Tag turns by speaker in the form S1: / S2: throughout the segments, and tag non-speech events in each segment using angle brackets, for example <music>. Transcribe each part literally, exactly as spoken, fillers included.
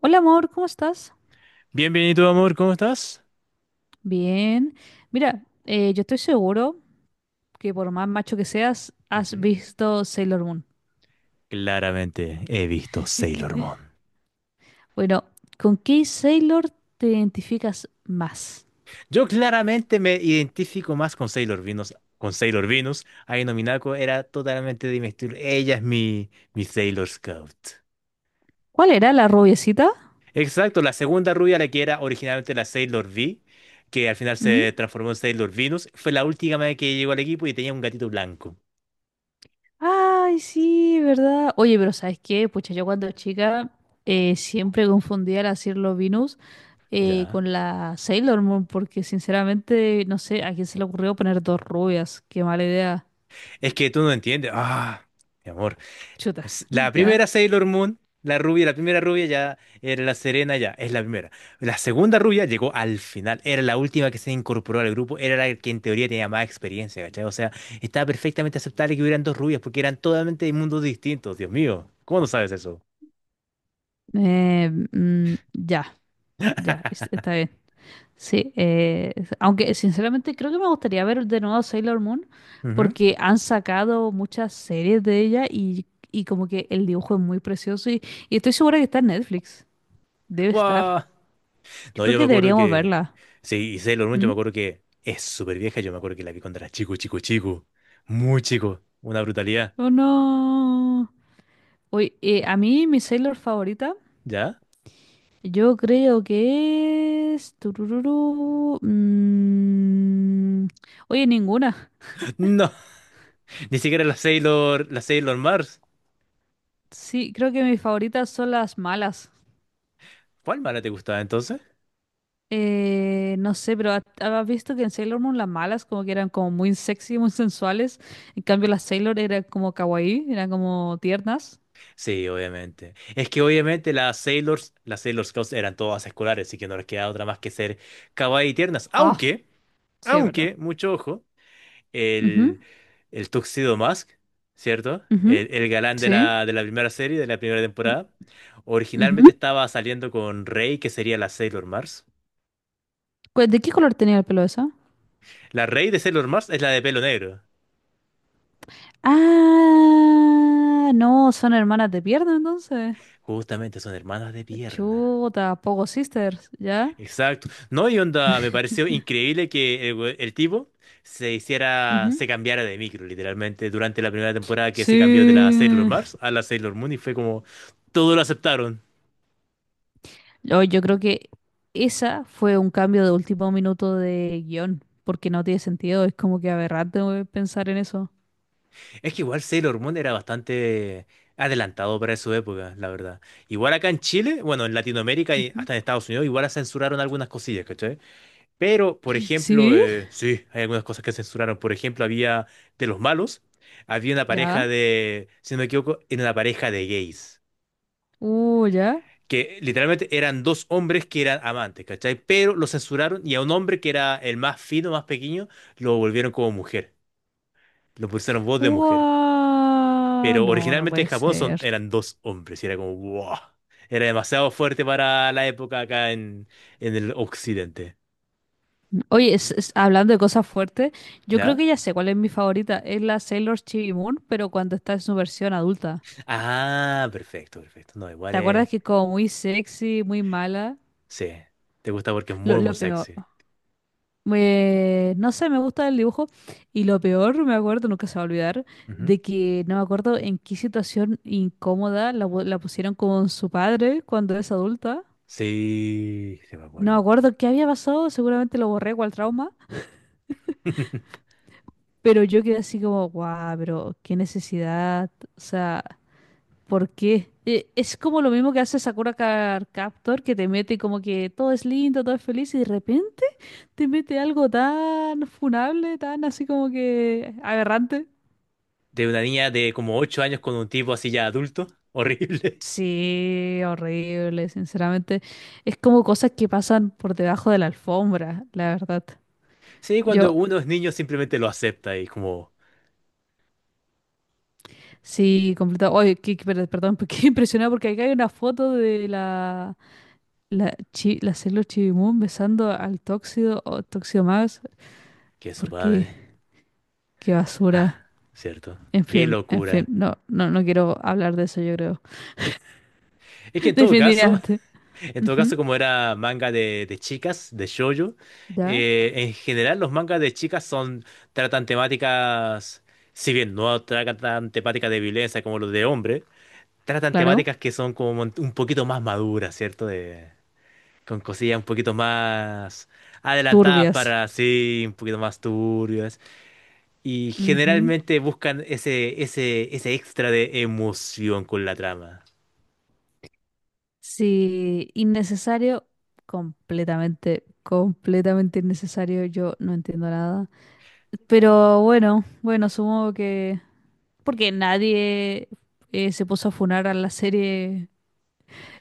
S1: Hola amor, ¿cómo estás?
S2: Bienvenido amor. ¿Cómo estás?
S1: Bien. Mira, eh, yo estoy seguro que por más macho que seas, has
S2: Ujú.
S1: visto Sailor Moon.
S2: Claramente he visto Sailor Moon.
S1: Bueno, ¿con qué Sailor te identificas más?
S2: Yo claramente me identifico más con Sailor Venus. Con Sailor Venus, Aino Minako era totalmente de mi estilo. Ella es mi, mi Sailor Scout.
S1: ¿Cuál era la rubiecita?
S2: Exacto, la segunda rubia, la que era originalmente la Sailor V, que al final
S1: ¿Mm?
S2: se transformó en Sailor Venus, fue la última vez que llegó al equipo y tenía un gatito blanco.
S1: Ay, sí, ¿verdad? Oye, pero ¿sabes qué? Pucha, yo cuando chica eh, siempre confundía la Sailor Venus eh,
S2: Ya.
S1: con la Sailor Moon, porque sinceramente no sé a quién se le ocurrió poner dos rubias. Qué mala idea.
S2: Es que tú no entiendes. Ah, mi amor.
S1: Chuta,
S2: Es la
S1: <laughs> ¿ya?
S2: primera Sailor Moon, la rubia, la primera rubia ya era la Serena, ya es la primera. La segunda rubia llegó al final, era la última que se incorporó al grupo, era la que en teoría tenía más experiencia, ¿cachai? O sea, estaba perfectamente aceptable que hubieran dos rubias porque eran totalmente de mundos distintos, Dios mío. ¿Cómo no sabes eso?
S1: Eh, mm, ya, ya, es- está bien. Sí, eh, aunque sinceramente creo que me gustaría ver de nuevo Sailor Moon
S2: Ujú.
S1: porque han sacado muchas series de ella y, y como que el dibujo es muy precioso y, y estoy segura que está en Netflix. Debe estar.
S2: Guau.
S1: Yo
S2: No,
S1: creo
S2: yo me
S1: que
S2: acuerdo
S1: deberíamos
S2: que...
S1: verla.
S2: Sí, y Sailor Moon, yo
S1: ¿Mm?
S2: me acuerdo que es súper vieja, yo me acuerdo que la vi cuando era chico, chico, chico. Muy chico, una brutalidad.
S1: ¿O no? Oye, eh, a mí mi Sailor favorita,
S2: ¿Ya?
S1: yo creo que es... tururú, mm, oye, ninguna.
S2: No, <laughs> ni siquiera la Sailor, la Sailor Mars.
S1: Sí, creo que mis favoritas son las malas.
S2: ¿Cuál mala te gustaba entonces?
S1: Eh, no sé, pero ha- ¿has visto que en Sailor Moon las malas como que eran como muy sexy, muy sensuales? En cambio las Sailor eran como kawaii, eran como tiernas.
S2: Sí, obviamente. Es que obviamente las Sailors, las Sailor Scouts eran todas escolares, así que no les queda otra más que ser kawaii y tiernas.
S1: Ah,
S2: Aunque,
S1: sí, es verdad.
S2: aunque, mucho ojo,
S1: Ujú,
S2: el, el Tuxedo Mask, ¿cierto?
S1: ujú.
S2: El, el galán de
S1: Sí.
S2: la, de la primera serie, de la primera temporada,
S1: Ujú.
S2: originalmente estaba saliendo con Rey, que sería la Sailor Mars.
S1: Cu- ¿De qué color tenía el pelo esa?
S2: La Rey de Sailor Mars es la de pelo negro.
S1: Ah, no, son hermanas de pierna entonces.
S2: Justamente son hermanas de pierna.
S1: Chuta, Pogo Sisters, ¿ya?
S2: Exacto. No, y onda, me pareció increíble que el, we- el tipo se hiciera,
S1: Ujú.
S2: se cambiara de micro, literalmente, durante la primera temporada que se cambió de la Sailor
S1: Sí.
S2: Mars a la Sailor Moon y fue como, todo lo aceptaron.
S1: Yo, yo creo que esa fue un cambio de último minuto de guión, porque no tiene sentido, es como que aberrante güey, pensar en eso.
S2: Es que igual Sailor Moon era bastante adelantado para su época, la verdad. Igual acá en Chile, bueno, en Latinoamérica y
S1: Ujú.
S2: hasta en Estados Unidos, igual censuraron algunas cosillas, ¿cachai? Pero, por ejemplo,
S1: ¿Sí?
S2: eh, sí, hay algunas cosas que censuraron. Por ejemplo, había de los malos, había una
S1: ¿Ya?
S2: pareja de, si no me equivoco, era una pareja de gays,
S1: Uh, ¿ya?
S2: que literalmente eran dos hombres que eran amantes, ¿cachai? Pero lo censuraron y a un hombre que era el más fino, más pequeño, lo volvieron como mujer. Lo pusieron voz de mujer.
S1: ¡Guau!
S2: Pero
S1: No, no
S2: originalmente en
S1: puede
S2: Japón son,
S1: ser.
S2: eran dos hombres y era como, wow. Era demasiado fuerte para la época acá en, en el occidente.
S1: Oye, es- es- hablando de cosas fuertes, yo creo
S2: ¿Ya?
S1: que ya sé cuál es mi favorita. Es la Sailor Chibi Moon, pero cuando está en su versión adulta.
S2: Ah, perfecto, perfecto. No, igual
S1: ¿Te
S2: es.
S1: acuerdas que es como muy sexy, muy mala?
S2: Sí, te gusta porque es
S1: Lo,
S2: muy, muy
S1: lo peor.
S2: sexy.
S1: Me- no sé, me gusta el dibujo. Y lo peor, me acuerdo, nunca se va a olvidar,
S2: Ujú.
S1: de que no me acuerdo en qué situación incómoda la, pu- la pusieron con su padre cuando es adulta.
S2: Sí, sí me
S1: No me
S2: acuerdo.
S1: acuerdo qué había pasado, seguramente lo borré cual trauma.
S2: <laughs>
S1: Pero yo quedé así como, guau, pero qué necesidad. O sea, ¿por qué? E- Es como lo mismo que hace Sakura Card Captor, que te mete como que todo es lindo, todo es feliz, y de repente te mete algo tan funable, tan así como que aberrante.
S2: De una niña de como ocho años con un tipo así ya adulto. <laughs> Horrible.
S1: Sí, horrible, sinceramente. Es como cosas que pasan por debajo de la alfombra, la verdad.
S2: Sí, cuando
S1: Yo,
S2: uno es niño simplemente lo acepta y como
S1: sí, completo. Oye, qué- qué- per- perdón, <laughs> qué impresionado porque acá hay una foto de la, la, chi, la Sailor Chibimun besando al Tóxido o Tóxido Max.
S2: que es su
S1: ¿Por qué?
S2: padre.
S1: Qué
S2: Ah,
S1: basura.
S2: cierto.
S1: En
S2: Qué
S1: fin, en fin,
S2: locura.
S1: no, no, no quiero hablar de eso, yo creo.
S2: Es que en
S1: <laughs>
S2: todo caso,
S1: Definitivamente.
S2: <laughs> en todo
S1: Ujú.
S2: caso como era manga de, de chicas, de shoujo,
S1: ¿Ya?
S2: eh, en general los mangas de chicas son, tratan temáticas, si bien no tratan temáticas de violencia como los de hombre, tratan
S1: Claro.
S2: temáticas que son como un un poquito más maduras, ¿cierto? De, con cosillas un poquito más adelantadas
S1: Turbias.
S2: para sí, un poquito más turbias. Y generalmente buscan ese, ese, ese extra de emoción con la trama.
S1: Sí, innecesario, completamente, completamente innecesario, yo no entiendo nada. Pero bueno, bueno, supongo que... Porque nadie eh, se puso a funar a la serie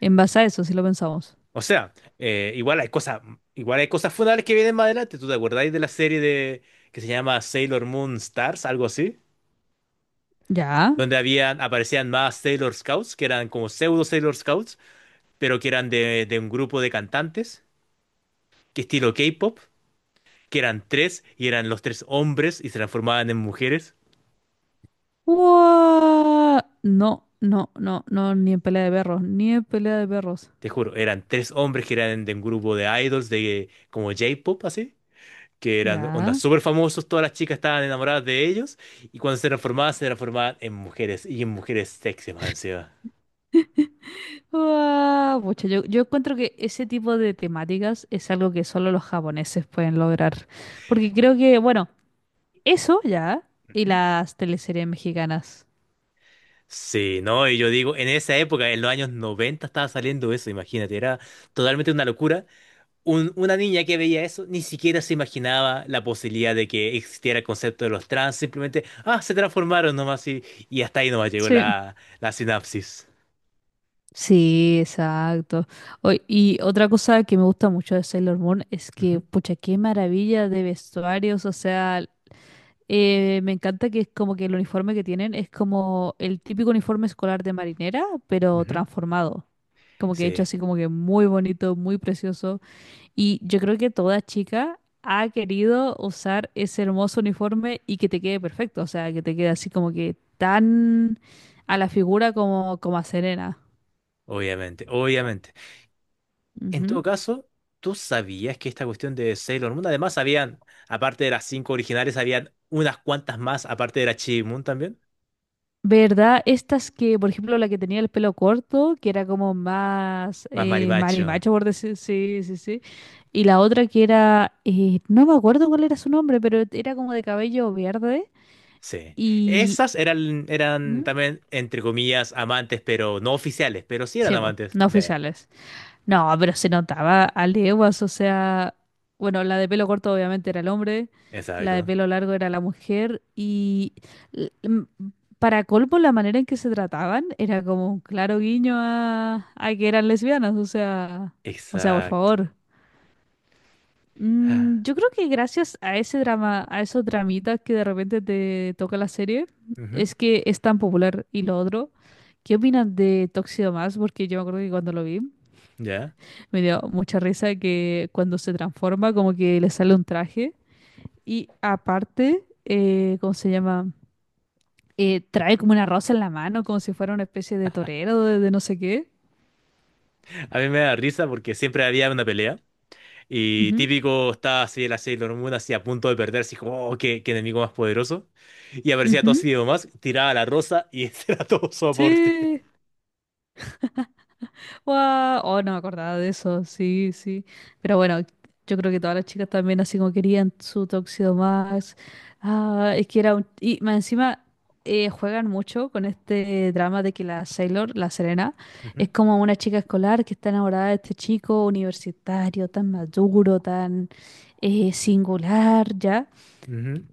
S1: en base a eso, si lo pensamos.
S2: O sea, eh, igual hay cosas, igual hay cosas fundables que vienen más adelante. ¿Tú te acordáis de la serie de que se llama Sailor Moon Stars, algo así?
S1: ¿Ya?
S2: Donde habían, aparecían más Sailor Scouts, que eran como pseudo Sailor Scouts, pero que eran de, de un grupo de cantantes que estilo K-pop, que eran tres y eran los tres hombres y se transformaban en mujeres.
S1: ¡Guau! No, no, no, no, ni en pelea de perros, ni en pelea de perros.
S2: Te juro, eran tres hombres que eran de un grupo de idols de como J-pop, así, que eran ondas
S1: ¿Ya?
S2: súper famosos, todas las chicas estaban enamoradas de ellos y cuando se transformaban, se transformaban en mujeres y en mujeres sexy más encima.
S1: ¡Guau! Pucha, yo, yo encuentro que ese tipo de temáticas es algo que solo los japoneses pueden lograr. Porque creo que, bueno... Eso ya. Y
S2: Ujú.
S1: las teleseries mexicanas.
S2: Sí, no, y yo digo, en esa época, en los años noventa estaba saliendo eso, imagínate, era totalmente una locura un- una niña que veía eso ni siquiera se imaginaba la posibilidad de que existiera el concepto de los trans, simplemente, ah, se transformaron nomás y, y hasta ahí nomás llegó
S1: Sí.
S2: la, la sinapsis.
S1: Sí, exacto. O- y otra cosa que me gusta mucho de Sailor Moon es que,
S2: Ujú,
S1: pucha, qué maravilla de vestuarios. O sea, eh, me encanta que es como que el uniforme que tienen es como el típico uniforme escolar de marinera, pero
S2: ujú.
S1: transformado. Como que hecho
S2: Sí,
S1: así como que muy bonito, muy precioso. Y yo creo que toda chica ha querido usar ese hermoso uniforme y que te quede perfecto, o sea, que te quede así como que tan a la figura como, como a Serena.
S2: obviamente, obviamente. En
S1: Ujú.
S2: todo caso, ¿tú sabías que esta cuestión de Sailor Moon, además habían, aparte de las cinco originales, habían unas cuantas más, aparte de la Chi Moon también?
S1: ¿Verdad? Estas que, por ejemplo, la que tenía el pelo corto, que era como más
S2: Más
S1: eh,
S2: Marimacho.
S1: marimacho, por decir, sí, sí, sí. Y la otra que era, eh, no me acuerdo cuál era su nombre, pero era como de cabello verde
S2: Sí.
S1: y...
S2: Esas eran, eran
S1: ¿Mm?
S2: también, entre comillas, amantes, pero no oficiales, pero sí eran
S1: Sí, po,
S2: amantes.
S1: no
S2: Sí.
S1: oficiales. No, pero se notaba a leguas, o sea, bueno, la de pelo corto obviamente era el hombre, la de
S2: Exacto,
S1: pelo largo era la mujer y l- m- para colmo la manera en que se trataban era como un claro guiño a, a que eran lesbianas, o sea, o sea, por
S2: exacto.
S1: favor.
S2: Ah,
S1: Mm, yo creo que gracias a ese drama, a esos dramitas que de repente te toca la serie,
S2: ujú.
S1: es que es tan popular. Y lo otro, ¿qué opinas de Tóxido Más? Porque yo me acuerdo que cuando lo vi...
S2: Ya.
S1: Me dio mucha risa que cuando se transforma, como que le sale un traje. Y aparte, eh, ¿cómo se llama? Eh, trae como una rosa en la mano, como si fuera una especie de torero, de, de no sé qué.
S2: A mí me da risa porque siempre había una pelea y
S1: Ujú,
S2: típico estaba así el Sailor Moon así a punto de perder, así como, oh, qué, qué enemigo más poderoso. Y aparecía
S1: ujú.
S2: Toshio más, tiraba la rosa y <laughs> ese era todo su aporte.
S1: Sí. Guau, oh, no me acordaba de eso, sí, sí. Pero bueno, yo creo que todas las chicas también así como querían su Tóxido Max. Ah, es que era un... Y más encima eh, juegan mucho con este drama de que la Sailor, la Serena,
S2: Ujú,
S1: es como una chica escolar que está enamorada de este chico universitario, tan maduro, tan eh, singular, ¿ya?
S2: ujú.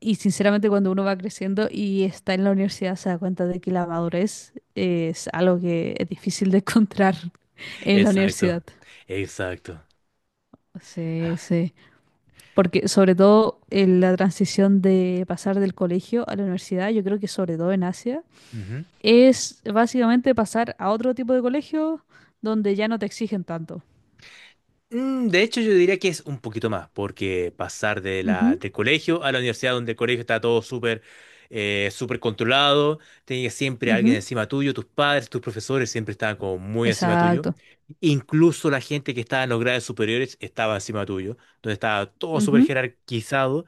S1: Y sinceramente cuando uno va creciendo y está en la universidad se da cuenta de que la madurez es algo que es difícil de encontrar <laughs> en la
S2: Exacto,
S1: universidad.
S2: exacto.
S1: Sí,
S2: Ah,
S1: sí. Porque sobre todo en la transición de pasar del colegio a la universidad, yo creo que sobre todo en Asia,
S2: ujú.
S1: es básicamente pasar a otro tipo de colegio donde ya no te exigen tanto.
S2: Mm, de hecho, yo diría que es un poquito más, porque pasar de
S1: Ujú,
S2: la, del colegio a la universidad, donde el colegio está todo súper eh, súper controlado, tenías siempre alguien
S1: ujú.
S2: encima tuyo, tus padres, tus profesores siempre estaban como muy encima tuyo.
S1: Exacto.
S2: Incluso la gente que estaba en los grados superiores estaba encima tuyo, donde estaba todo súper
S1: Ujú,
S2: jerarquizado.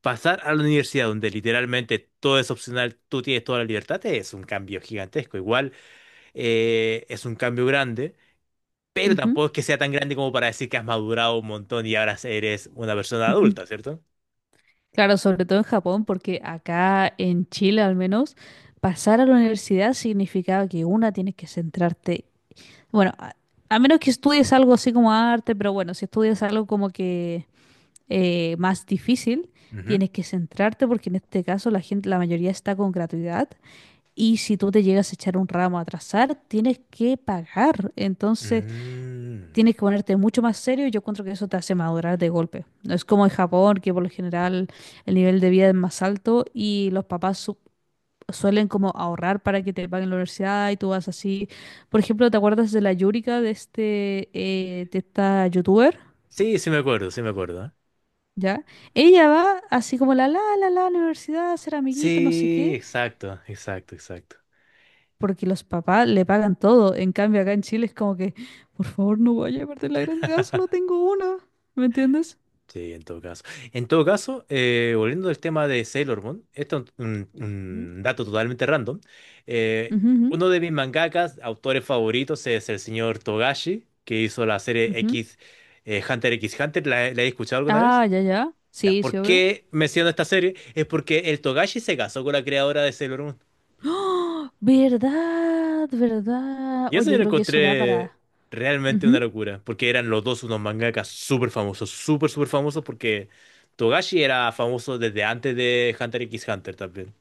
S2: Pasar a la universidad, donde literalmente todo es opcional, tú tienes toda la libertad, es un cambio gigantesco. Igual eh, es un cambio grande pero
S1: ujú.
S2: tampoco es que sea tan grande como para decir que has madurado un montón y ahora eres una persona adulta,
S1: <laughs>
S2: ¿cierto?
S1: Claro, sobre todo en Japón, porque acá en Chile al menos, pasar a la universidad significaba que una tienes que centrarte, bueno, a, a, menos que estudies algo así como arte, pero bueno, si estudias algo como que eh, más difícil,
S2: Ujú.
S1: tienes que centrarte porque en este caso la gente, la mayoría está con gratuidad y si tú te llegas a echar un ramo a atrasar, tienes que pagar. Entonces
S2: Mm.
S1: tienes que ponerte mucho más serio y yo encuentro que eso te hace madurar de golpe. No es como en Japón, que por lo general el nivel de vida es más alto y los papás su- suelen como ahorrar para que te paguen la universidad y tú vas así. Por ejemplo, ¿te acuerdas de la Yurika de este eh, de esta youtuber?
S2: Sí, sí me acuerdo, sí me acuerdo.
S1: ¿Ya? Ella va así como la la la la universidad, ser amiguito, no sé
S2: Sí,
S1: qué,
S2: exacto, exacto, exacto.
S1: porque los papás le pagan todo. En cambio, acá en Chile es como que, por favor, no vaya a perder la gratuidad, solo
S2: <laughs>
S1: tengo una. ¿Me entiendes?
S2: Sí, en todo caso. En todo caso, eh, volviendo al tema de Sailor Moon, esto es un,
S1: Ujú.
S2: un dato totalmente random. eh,
S1: Ujú, ujú.
S2: Uno de mis mangakas, autores favoritos, es el señor Togashi, que hizo la serie
S1: Ujú.
S2: X, eh, Hunter X Hunter. ¿La, la he escuchado alguna vez?
S1: Ah, ya, ya.
S2: Ya,
S1: Sí,
S2: ¿por
S1: sí, obvio.
S2: qué menciono esta serie? Es porque el Togashi se casó con la creadora de Sailor Moon.
S1: ¡Oh! ¿Verdad? ¿Verdad?
S2: Y
S1: Oh,
S2: eso yo
S1: yo
S2: lo
S1: creo que eso da
S2: encontré
S1: para...
S2: realmente una
S1: Ujú.
S2: locura, porque eran los dos unos mangakas súper famosos, súper, súper famosos, porque Togashi era famoso desde antes de Hunter x Hunter también.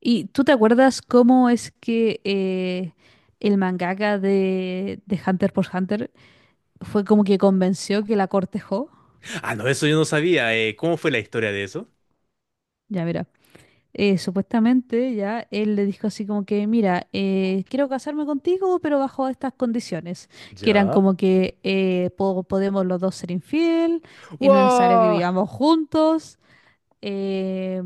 S1: ¿Y tú te acuerdas cómo es que eh, el mangaka de, de Hunter por Hunter fue como que convenció que la cortejó?
S2: Ah, no, eso yo no sabía. Eh, ¿cómo fue la historia de eso?
S1: Ya, mira. eh, supuestamente ya él le dijo así como que, mira, eh, quiero casarme contigo, pero bajo estas condiciones, que eran
S2: Ya.
S1: como que eh, po- podemos los dos ser infiel, es no es necesario que
S2: ¡Wow!
S1: vivamos juntos, eh,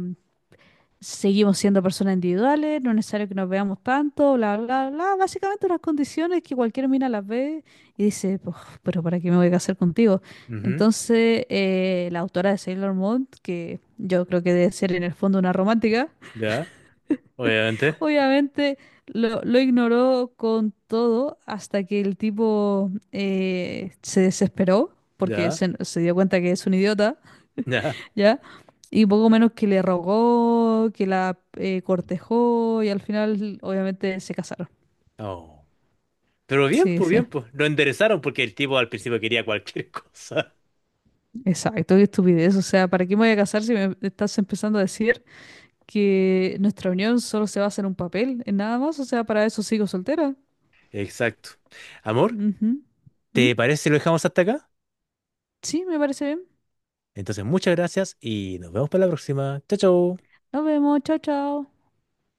S1: seguimos siendo personas individuales, no es necesario que nos veamos tanto, bla, bla, bla. Básicamente unas condiciones que cualquier mina las ve y dice, "Puf, pero ¿para qué me voy a casar contigo?
S2: Ujú,
S1: Entonces, eh, la autora de Sailor Moon, que yo creo que debe ser en el fondo una romántica,
S2: ya,
S1: <laughs>
S2: obviamente.
S1: obviamente lo, lo ignoró con todo hasta que el tipo eh, se desesperó porque
S2: Ya,
S1: se, se dio cuenta que es un idiota,
S2: ya.
S1: ¿ya? Y poco menos que le rogó, que la eh, cortejó y al final obviamente se casaron.
S2: Oh. Pero bien,
S1: Sí,
S2: pues
S1: sí,
S2: bien, pues. Lo enderezaron porque el tipo al principio quería cualquier <laughs> cosa.
S1: exacto, qué estupidez. O sea, ¿para qué me voy a casar si me estás empezando a decir que nuestra unión solo se basa en un papel, en nada más? O sea, para eso sigo soltera.
S2: Exacto. Amor,
S1: Ujú. ¿Mm?
S2: ¿te parece si lo dejamos hasta acá?
S1: Sí, me parece bien.
S2: Entonces, muchas gracias y nos vemos para la próxima. Chao, chao.
S1: Nos vemos, chao, chao.